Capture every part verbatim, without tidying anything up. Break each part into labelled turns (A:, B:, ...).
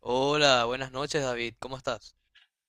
A: Hola, buenas noches David, ¿cómo estás?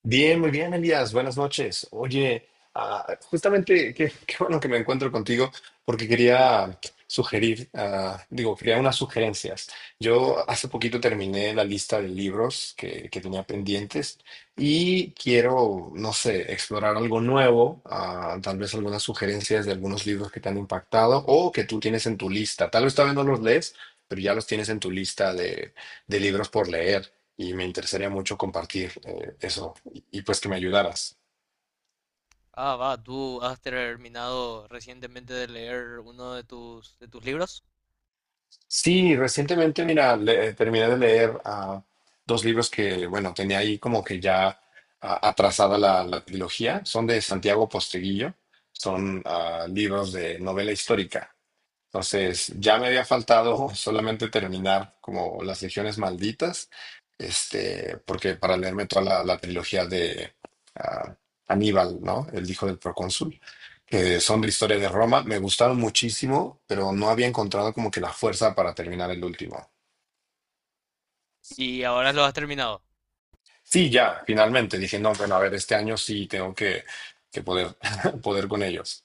B: Bien, muy bien, Elías. Buenas noches. Oye, ah, justamente qué, qué bueno que me encuentro contigo porque quería sugerir, ah, digo, quería unas sugerencias. Yo hace poquito terminé la lista de libros que, que tenía pendientes y quiero, no sé, explorar algo nuevo, ah, tal vez algunas sugerencias de algunos libros que te han impactado o que tú tienes en tu lista. Tal vez todavía no los lees, pero ya los tienes en tu lista de, de libros por leer. Y me interesaría mucho compartir eh, eso y pues que me ayudaras.
A: Ah, va, tú has terminado recientemente de leer uno de tus, de tus libros
B: Sí, recientemente, mira, le- eh, terminé de leer ah, dos libros que, bueno, tenía ahí como que ya ah, atrasada la, la trilogía. Son de Santiago Posteguillo, son ah, libros de novela histórica. Entonces, ya me había faltado solamente terminar como Las Legiones Malditas, este, porque para leerme toda la, la trilogía de ah, Aníbal, ¿no? El hijo del procónsul, que son de historia de Roma, me gustaron muchísimo, pero no había encontrado como que la fuerza para terminar el último.
A: y ahora lo has terminado.
B: Sí, ya, finalmente dije, no, bueno, a ver, este año sí tengo que, que poder, poder con ellos.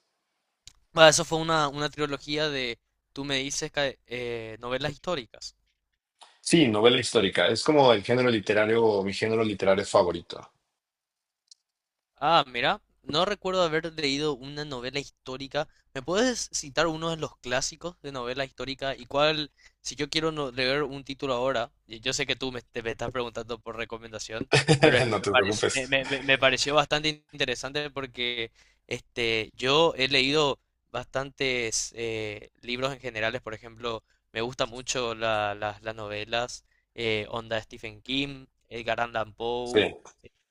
A: Va, eso fue una, una trilogía de, tú me dices, ca- eh, novelas históricas.
B: Sí, novela histórica, es como el género literario, mi género literario favorito.
A: Ah, mira, no recuerdo haber leído una novela histórica. ¿Me puedes citar uno de los clásicos de novela histórica? ¿Y cuál, si yo quiero no- leer un título ahora, y yo sé que tú me, te- me estás preguntando por recomendación, pero es que
B: No
A: me,
B: te
A: parec-
B: preocupes.
A: me- me- me- me pareció bastante interesante porque este, yo he leído bastantes eh, libros en generales, por ejemplo, me gustan mucho la- las las novelas, eh, onda Stephen King, Edgar Allan Poe,
B: Sí.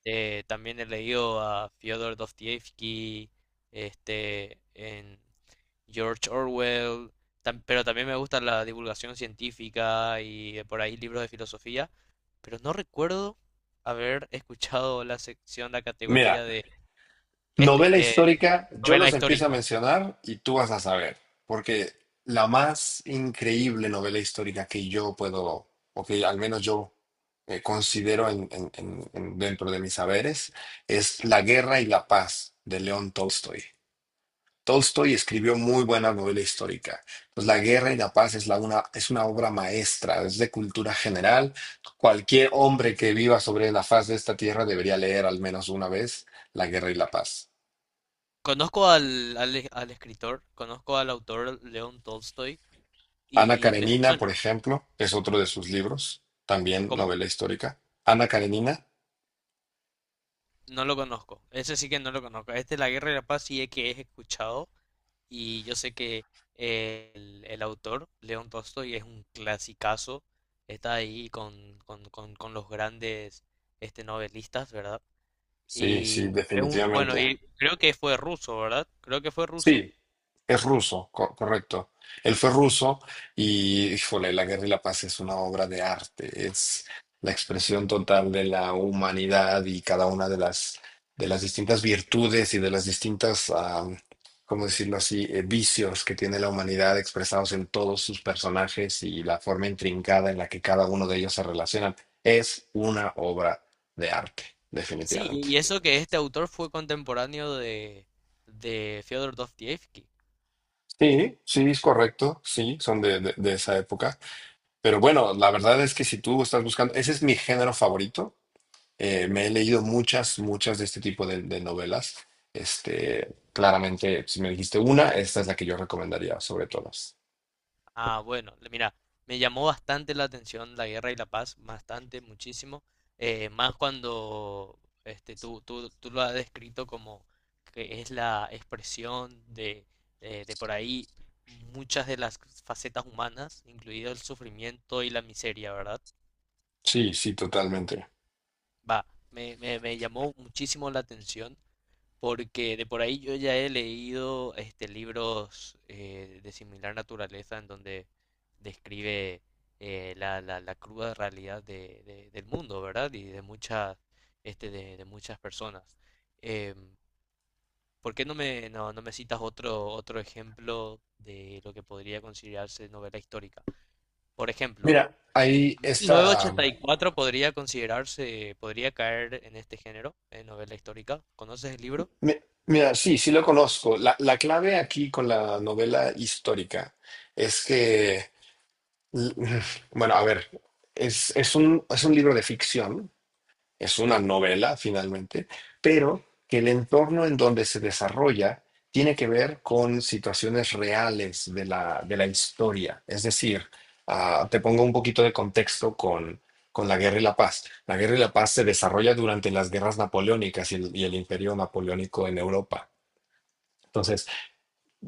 A: eh, también he leído a Fyodor Dostoyevsky, este, en George Orwell, tam- pero también me gusta la divulgación científica y eh, por ahí libros de filosofía, pero no recuerdo haber escuchado la sección, la categoría
B: Mira,
A: de este,
B: novela
A: eh,
B: histórica, yo
A: novela
B: los empiezo a
A: histórica.
B: mencionar y tú vas a saber, porque la más increíble novela histórica que yo puedo, o que al menos yo eh, considero en- en- en- en- dentro de mis saberes, es La Guerra y la Paz de León Tolstoy. Tolstoy escribió muy buena novela histórica. Pues La guerra y la paz es, la una, es una obra maestra, es de cultura general. Cualquier hombre que viva sobre la faz de esta tierra debería leer al menos una vez La guerra y la paz.
A: Conozco al, al, al escritor, conozco al autor León Tolstoy
B: Ana
A: y me
B: Karenina, por
A: suena.
B: ejemplo, es otro de sus libros, también
A: ¿Cómo?
B: novela histórica. Ana Karenina,
A: No lo conozco. Ese sí que no lo conozco. Este, La Guerra y la Paz, sí es que he escuchado. Y yo sé que eh, el, el autor, León Tolstoy, es un clasicazo, está ahí con, con, con, con los grandes este, novelistas, ¿verdad?
B: sí, sí,
A: Y es un, bueno,
B: definitivamente.
A: y creo que fue ruso, ¿verdad? Creo que fue ruso.
B: Sí, es ruso, co- correcto. Él fue ruso y, híjole, La Guerra y la Paz es una obra de arte, es la expresión total de la humanidad y cada una de las, de las distintas virtudes y de las distintas, ah, ¿cómo decirlo así?, eh, vicios que tiene la humanidad expresados en todos sus personajes y la forma intrincada en la que cada uno de ellos se relacionan. Es una obra de arte,
A: Sí,
B: definitivamente.
A: y eso que este autor fue contemporáneo de, de Fyodor Dostoyevsky.
B: Sí, sí, es correcto, sí, son de, de de esa época. Pero bueno, la verdad es que si tú estás buscando, ese es mi género favorito. Eh, me he leído muchas, muchas de este tipo de, de novelas. Este, claramente, si me dijiste una, esta es la que yo recomendaría sobre todas.
A: Ah, bueno, le- mira, me llamó bastante la atención la guerra y la paz, bastante, muchísimo, eh, más cuando este, tú, tú, tú lo has descrito como que es la expresión de, eh, de por ahí muchas de las facetas humanas, incluido el sufrimiento y la miseria, ¿verdad?
B: Sí, sí, totalmente.
A: Va, me, me, me llamó muchísimo la atención porque de por ahí yo ya he leído este, libros eh, de similar naturaleza en donde describe eh, la, la, la cruda realidad de, de- del mundo, ¿verdad? Y de muchas, este, de, de muchas personas. Em, ¿Por qué no me, no, no me citas otro, otro ejemplo de lo que podría considerarse novela histórica? Por ejemplo,
B: Mira, ahí está.
A: mil novecientos ochenta y cuatro podría considerarse, podría caer en este género, en novela histórica. ¿Conoces el libro?
B: mi- Mira, sí, sí lo conozco. La, la clave aquí con la novela histórica es que, l- bueno, a ver, es, es un, es un libro de ficción, es una novela finalmente, pero que el entorno en donde se desarrolla tiene que ver con situaciones reales de la, de la historia. Es decir, ah, te pongo un poquito de contexto con, con la Guerra y la Paz. La Guerra y la Paz se desarrolla durante las guerras napoleónicas y el, y el Imperio Napoleónico en Europa. Entonces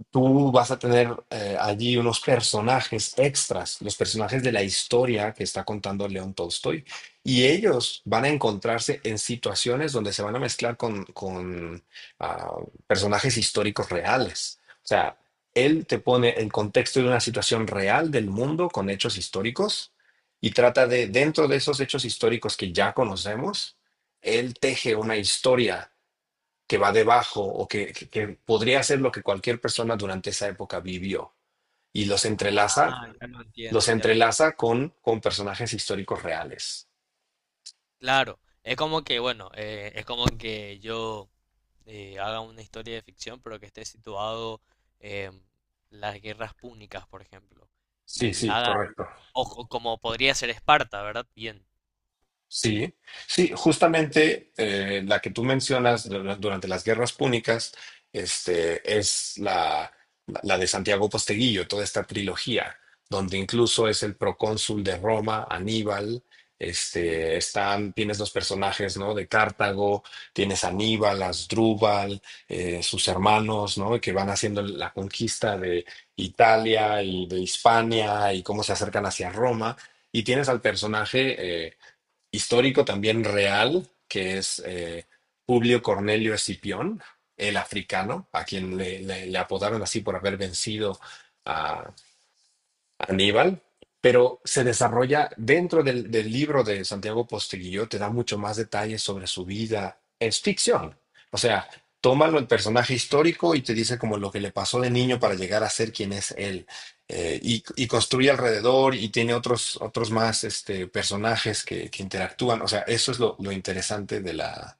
B: tú vas a tener eh, allí unos personajes extras, los personajes de la historia que está contando León Tolstoy, y ellos van a encontrarse en situaciones donde se van a mezclar con, con, ah, personajes históricos reales. O sea, él te pone el contexto de una situación real del mundo con hechos históricos y trata de, dentro de esos hechos históricos que ya conocemos, él teje una historia que va debajo o que, que- que podría ser lo que cualquier persona durante esa época vivió y los entrelaza,
A: Ah, ya lo
B: los
A: entiendo, ya lo entiendo.
B: entrelaza con, con personajes históricos reales.
A: Claro, es como que, bueno, eh, es como que yo eh, haga una historia de ficción, pero que esté situado en las guerras púnicas, por ejemplo.
B: Sí,
A: Y
B: sí,
A: haga,
B: correcto.
A: ojo, como podría ser Esparta, ¿verdad? Bien,
B: Sí, sí, justamente eh, la que tú mencionas du- durante las guerras púnicas, este, es la, la de Santiago Posteguillo, toda esta trilogía, donde incluso es el procónsul de Roma, Aníbal, este, están, tienes los personajes, ¿no? De Cartago, tienes a Aníbal, Asdrúbal, eh, sus hermanos, ¿no? Que van haciendo la conquista de Italia y de Hispania y cómo se acercan hacia Roma. Y tienes al personaje... eh, histórico también real, que es eh, Publio Cornelio Escipión, el africano, a quien le, le- le apodaron así por haber vencido a Aníbal, pero se desarrolla dentro del, del libro de Santiago Posteguillo, te da mucho más detalles sobre su vida. Es ficción. O sea, tómalo el personaje histórico y te dice como lo que le pasó de niño para llegar a ser quien es él. Eh, y, y construye alrededor y tiene otros, otros más este, personajes que, que interactúan. O sea, eso es lo, lo interesante de la,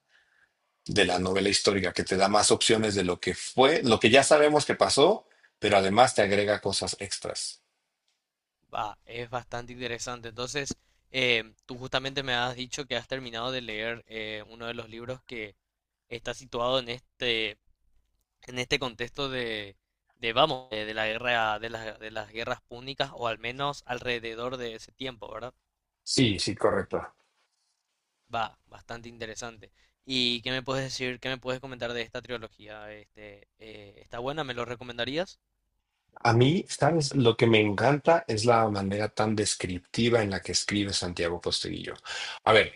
B: de la novela histórica, que te da más opciones de lo que fue, lo que ya sabemos que pasó, pero además te agrega cosas extras.
A: va, es bastante interesante. Entonces, eh, tú justamente me has dicho que has terminado de leer eh, uno de los libros que está situado en este, en este contexto de, de vamos, de, de la guerra, de las, de las guerras púnicas, o al menos alrededor de ese tiempo, ¿verdad?
B: Sí, sí, correcto.
A: Va, bastante interesante. ¿Y qué me puedes decir, qué me puedes comentar de esta trilogía? Este, eh, ¿está buena? ¿Me lo recomendarías?
B: A mí, ¿sabes? Lo que me encanta es la manera tan descriptiva en la que escribe Santiago Posteguillo. A ver,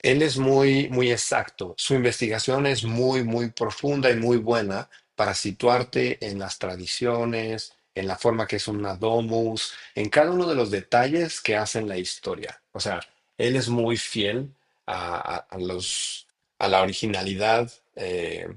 B: él es muy, muy exacto. Su investigación es muy, muy profunda y muy buena para situarte en las tradiciones, en la forma que es una domus, en cada uno de los detalles que hacen la historia. O sea, él es muy fiel a, a- a los, a la originalidad eh,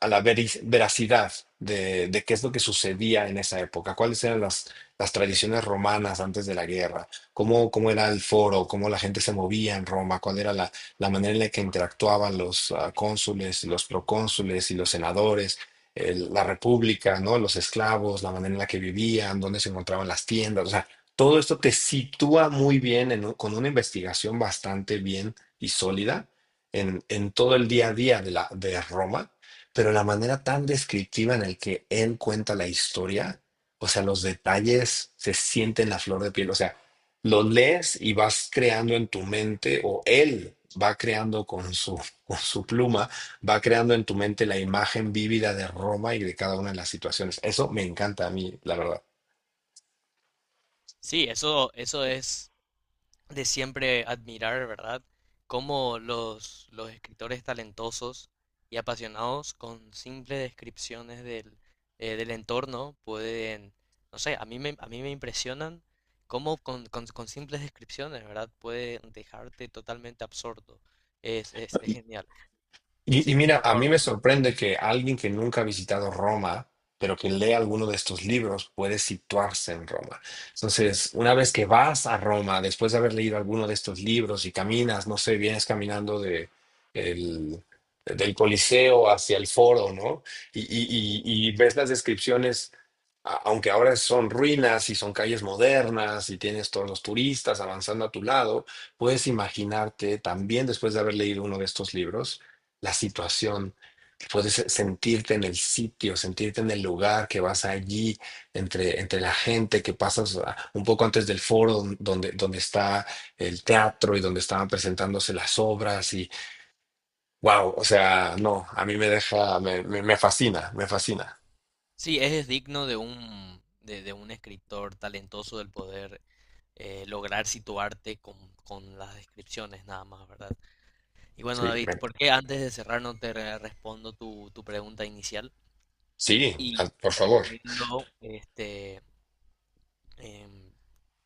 B: a la veri- veracidad de, de qué es lo que sucedía en esa época, cuáles eran las, las tradiciones romanas antes de la guerra, cómo, cómo era el foro, cómo la gente se movía en Roma, cuál era la, la manera en la que interactuaban los ah, cónsules, los procónsules y los senadores, el- la república, ¿no? Los esclavos, la manera en la que vivían, dónde se encontraban las tiendas, o sea, todo esto te sitúa muy bien en un- con una investigación bastante bien y sólida en, en todo el día a día de, la, de Roma, pero la manera tan descriptiva en el que él cuenta la historia, o sea, los detalles se sienten la flor de piel, o sea, lo lees y vas creando en tu mente, o él va creando con su, con su pluma, va creando en tu mente la imagen vívida de Roma y de cada una de las situaciones. Eso me encanta a mí, la verdad.
A: Sí, eso, eso es de siempre admirar, ¿verdad? Cómo los, los escritores talentosos y apasionados con simples descripciones del, eh, del entorno pueden, no sé, a mí me, a mí me impresionan cómo con, con- con simples descripciones, ¿verdad? Pueden dejarte totalmente absorto. Es, es, es genial.
B: Y, y
A: Sí,
B: mira,
A: por
B: a
A: fa-
B: mí me sorprende que alguien que nunca ha visitado Roma, pero que lee alguno de estos libros, puede situarse en Roma. Entonces, una vez que vas a Roma, después de haber leído alguno de estos libros y caminas, no sé, vienes caminando de el- del Coliseo hacia el Foro, ¿no? Y, y- y- y ves las descripciones, a- aunque ahora son ruinas y son calles modernas y tienes todos los turistas avanzando a tu lado, puedes imaginarte también después de haber leído uno de estos libros la situación, puedes sentirte en el sitio, sentirte en el lugar que vas allí, entre, entre la gente que pasas ah, un poco antes del foro donde, donde está el teatro y donde estaban presentándose las obras y wow, o sea, no, a mí me deja, me, me, me fascina, me fascina.
A: sí, es digno de un, de, de un escritor talentoso el poder eh, lograr situarte con, con las descripciones nada más, ¿verdad? Y bueno,
B: Sí,
A: David,
B: me-
A: ¿por qué antes de cerrar no te re- respondo tu, tu pregunta inicial?
B: sí,
A: Y
B: al- por
A: te
B: favor.
A: recomiendo este, em,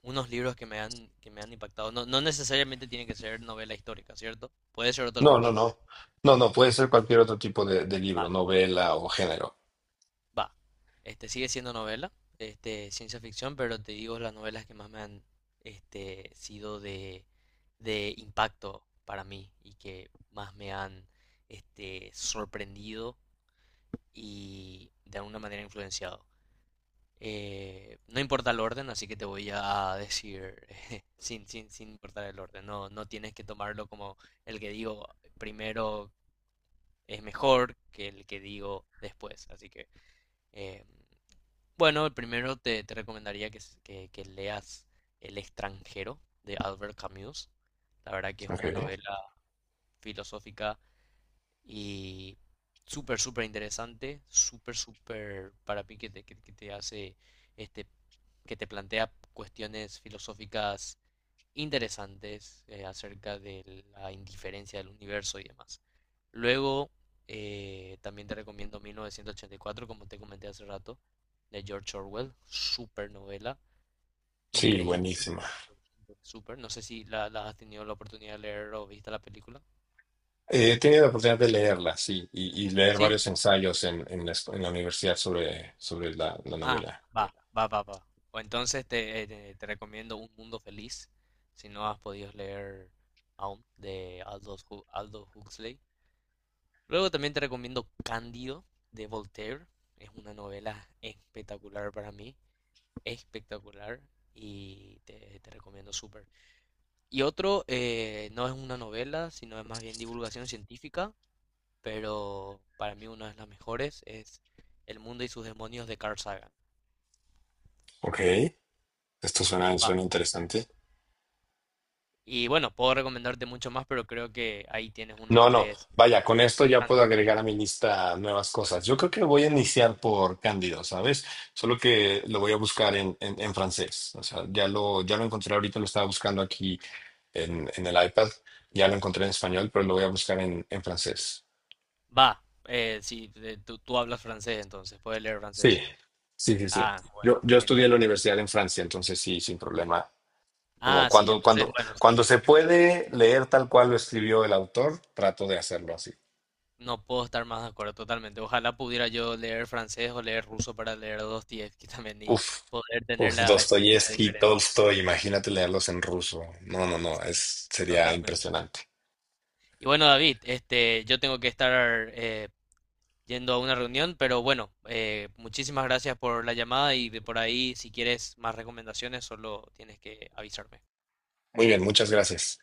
A: unos libros que me han, que me han impactado. No, no necesariamente tienen que ser novela histórica, ¿cierto? Puede ser otro
B: No,
A: tipo
B: no,
A: de novela.
B: no. No, no, puede ser cualquier otro tipo de, de libro,
A: Vale.
B: novela o género.
A: Va. Este, sigue siendo novela, este, ciencia ficción, pero te digo las novelas que más me han este, sido de, de impacto para mí y que más me han este, sorprendido y de alguna manera influenciado. Eh, no importa el orden, así que te voy a decir sin, sin, sin importar el orden. No, no tienes que tomarlo como el que digo primero es mejor que el que digo después. Así que, eh, bueno, primero te, te recomendaría que, que- que leas El extranjero de Albert Camus. La verdad que es
B: Ok.
A: una novela filosófica. Y súper, súper interesante, súper, súper para mí que te, que- que te hace, este, que te plantea cuestiones filosóficas interesantes eh, acerca de la indiferencia del universo y demás. Luego, eh, también te recomiendo mil novecientos ochenta y cuatro, como te comenté hace rato, de George Orwell, súper novela,
B: Sí,
A: increíble,
B: buenísima.
A: súper. No sé si la, la has tenido la oportunidad de leer o viste la película.
B: Eh, he tenido la oportunidad de leerla, sí, y, y leer
A: Sí.
B: varios ensayos en, en la, escu- en la universidad sobre, sobre la, la
A: Ah,
B: novela.
A: va, va, va, va. O entonces te, eh, te, te recomiendo Un Mundo Feliz, si no has podido leer aún, de Aldous, Hu- Aldous Huxley. Luego también te recomiendo Cándido, de Voltaire. Es una novela espectacular para mí, espectacular, y te, te recomiendo súper. Y otro, eh, no es una novela, sino es más bien divulgación científica, pero para mí una de las mejores es El mundo y sus demonios de Carl Sagan.
B: Ok, esto suena, suena interesante.
A: Y bueno, puedo recomendarte mucho más, pero creo que ahí tienes unos
B: No, no,
A: tres.
B: vaya, con esto ya puedo
A: Andy.
B: agregar a mi lista nuevas cosas. Yo creo que voy a iniciar por Cándido, ¿sabes? Solo que lo voy a buscar en, en, en francés. O sea, ya lo, ya lo encontré ahorita, lo estaba buscando aquí en, en el iPad. Ya lo encontré en español, pero lo voy a buscar en, en francés.
A: Va, eh, sí, de- tú, tú hablas francés entonces, puedes leer
B: Sí,
A: francés.
B: sí, sí, sí.
A: Ah, bueno,
B: Yo, yo estudié
A: genial.
B: en la universidad en Francia, entonces sí, sin problema. Como
A: Ah, sí,
B: cuando,
A: entonces,
B: cuando,
A: bueno, sí.
B: cuando se puede leer tal cual lo escribió el autor, trato de hacerlo así.
A: No puedo estar más de acuerdo totalmente. Ojalá pudiera yo leer francés o leer ruso para leer Dostoyevsky también y
B: Uf,
A: poder tener
B: uf,
A: la experiencia
B: Dostoyevsky,
A: diferente,
B: Tolstoy, imagínate leerlos en ruso. No, no, no, es, sería
A: totalmente.
B: impresionante.
A: Y bueno, David, este, yo tengo que estar eh, yendo a una reunión, pero bueno, eh, muchísimas gracias por la llamada y de por ahí, si quieres más recomendaciones, solo tienes que avisarme.
B: Muy bien, muchas gracias.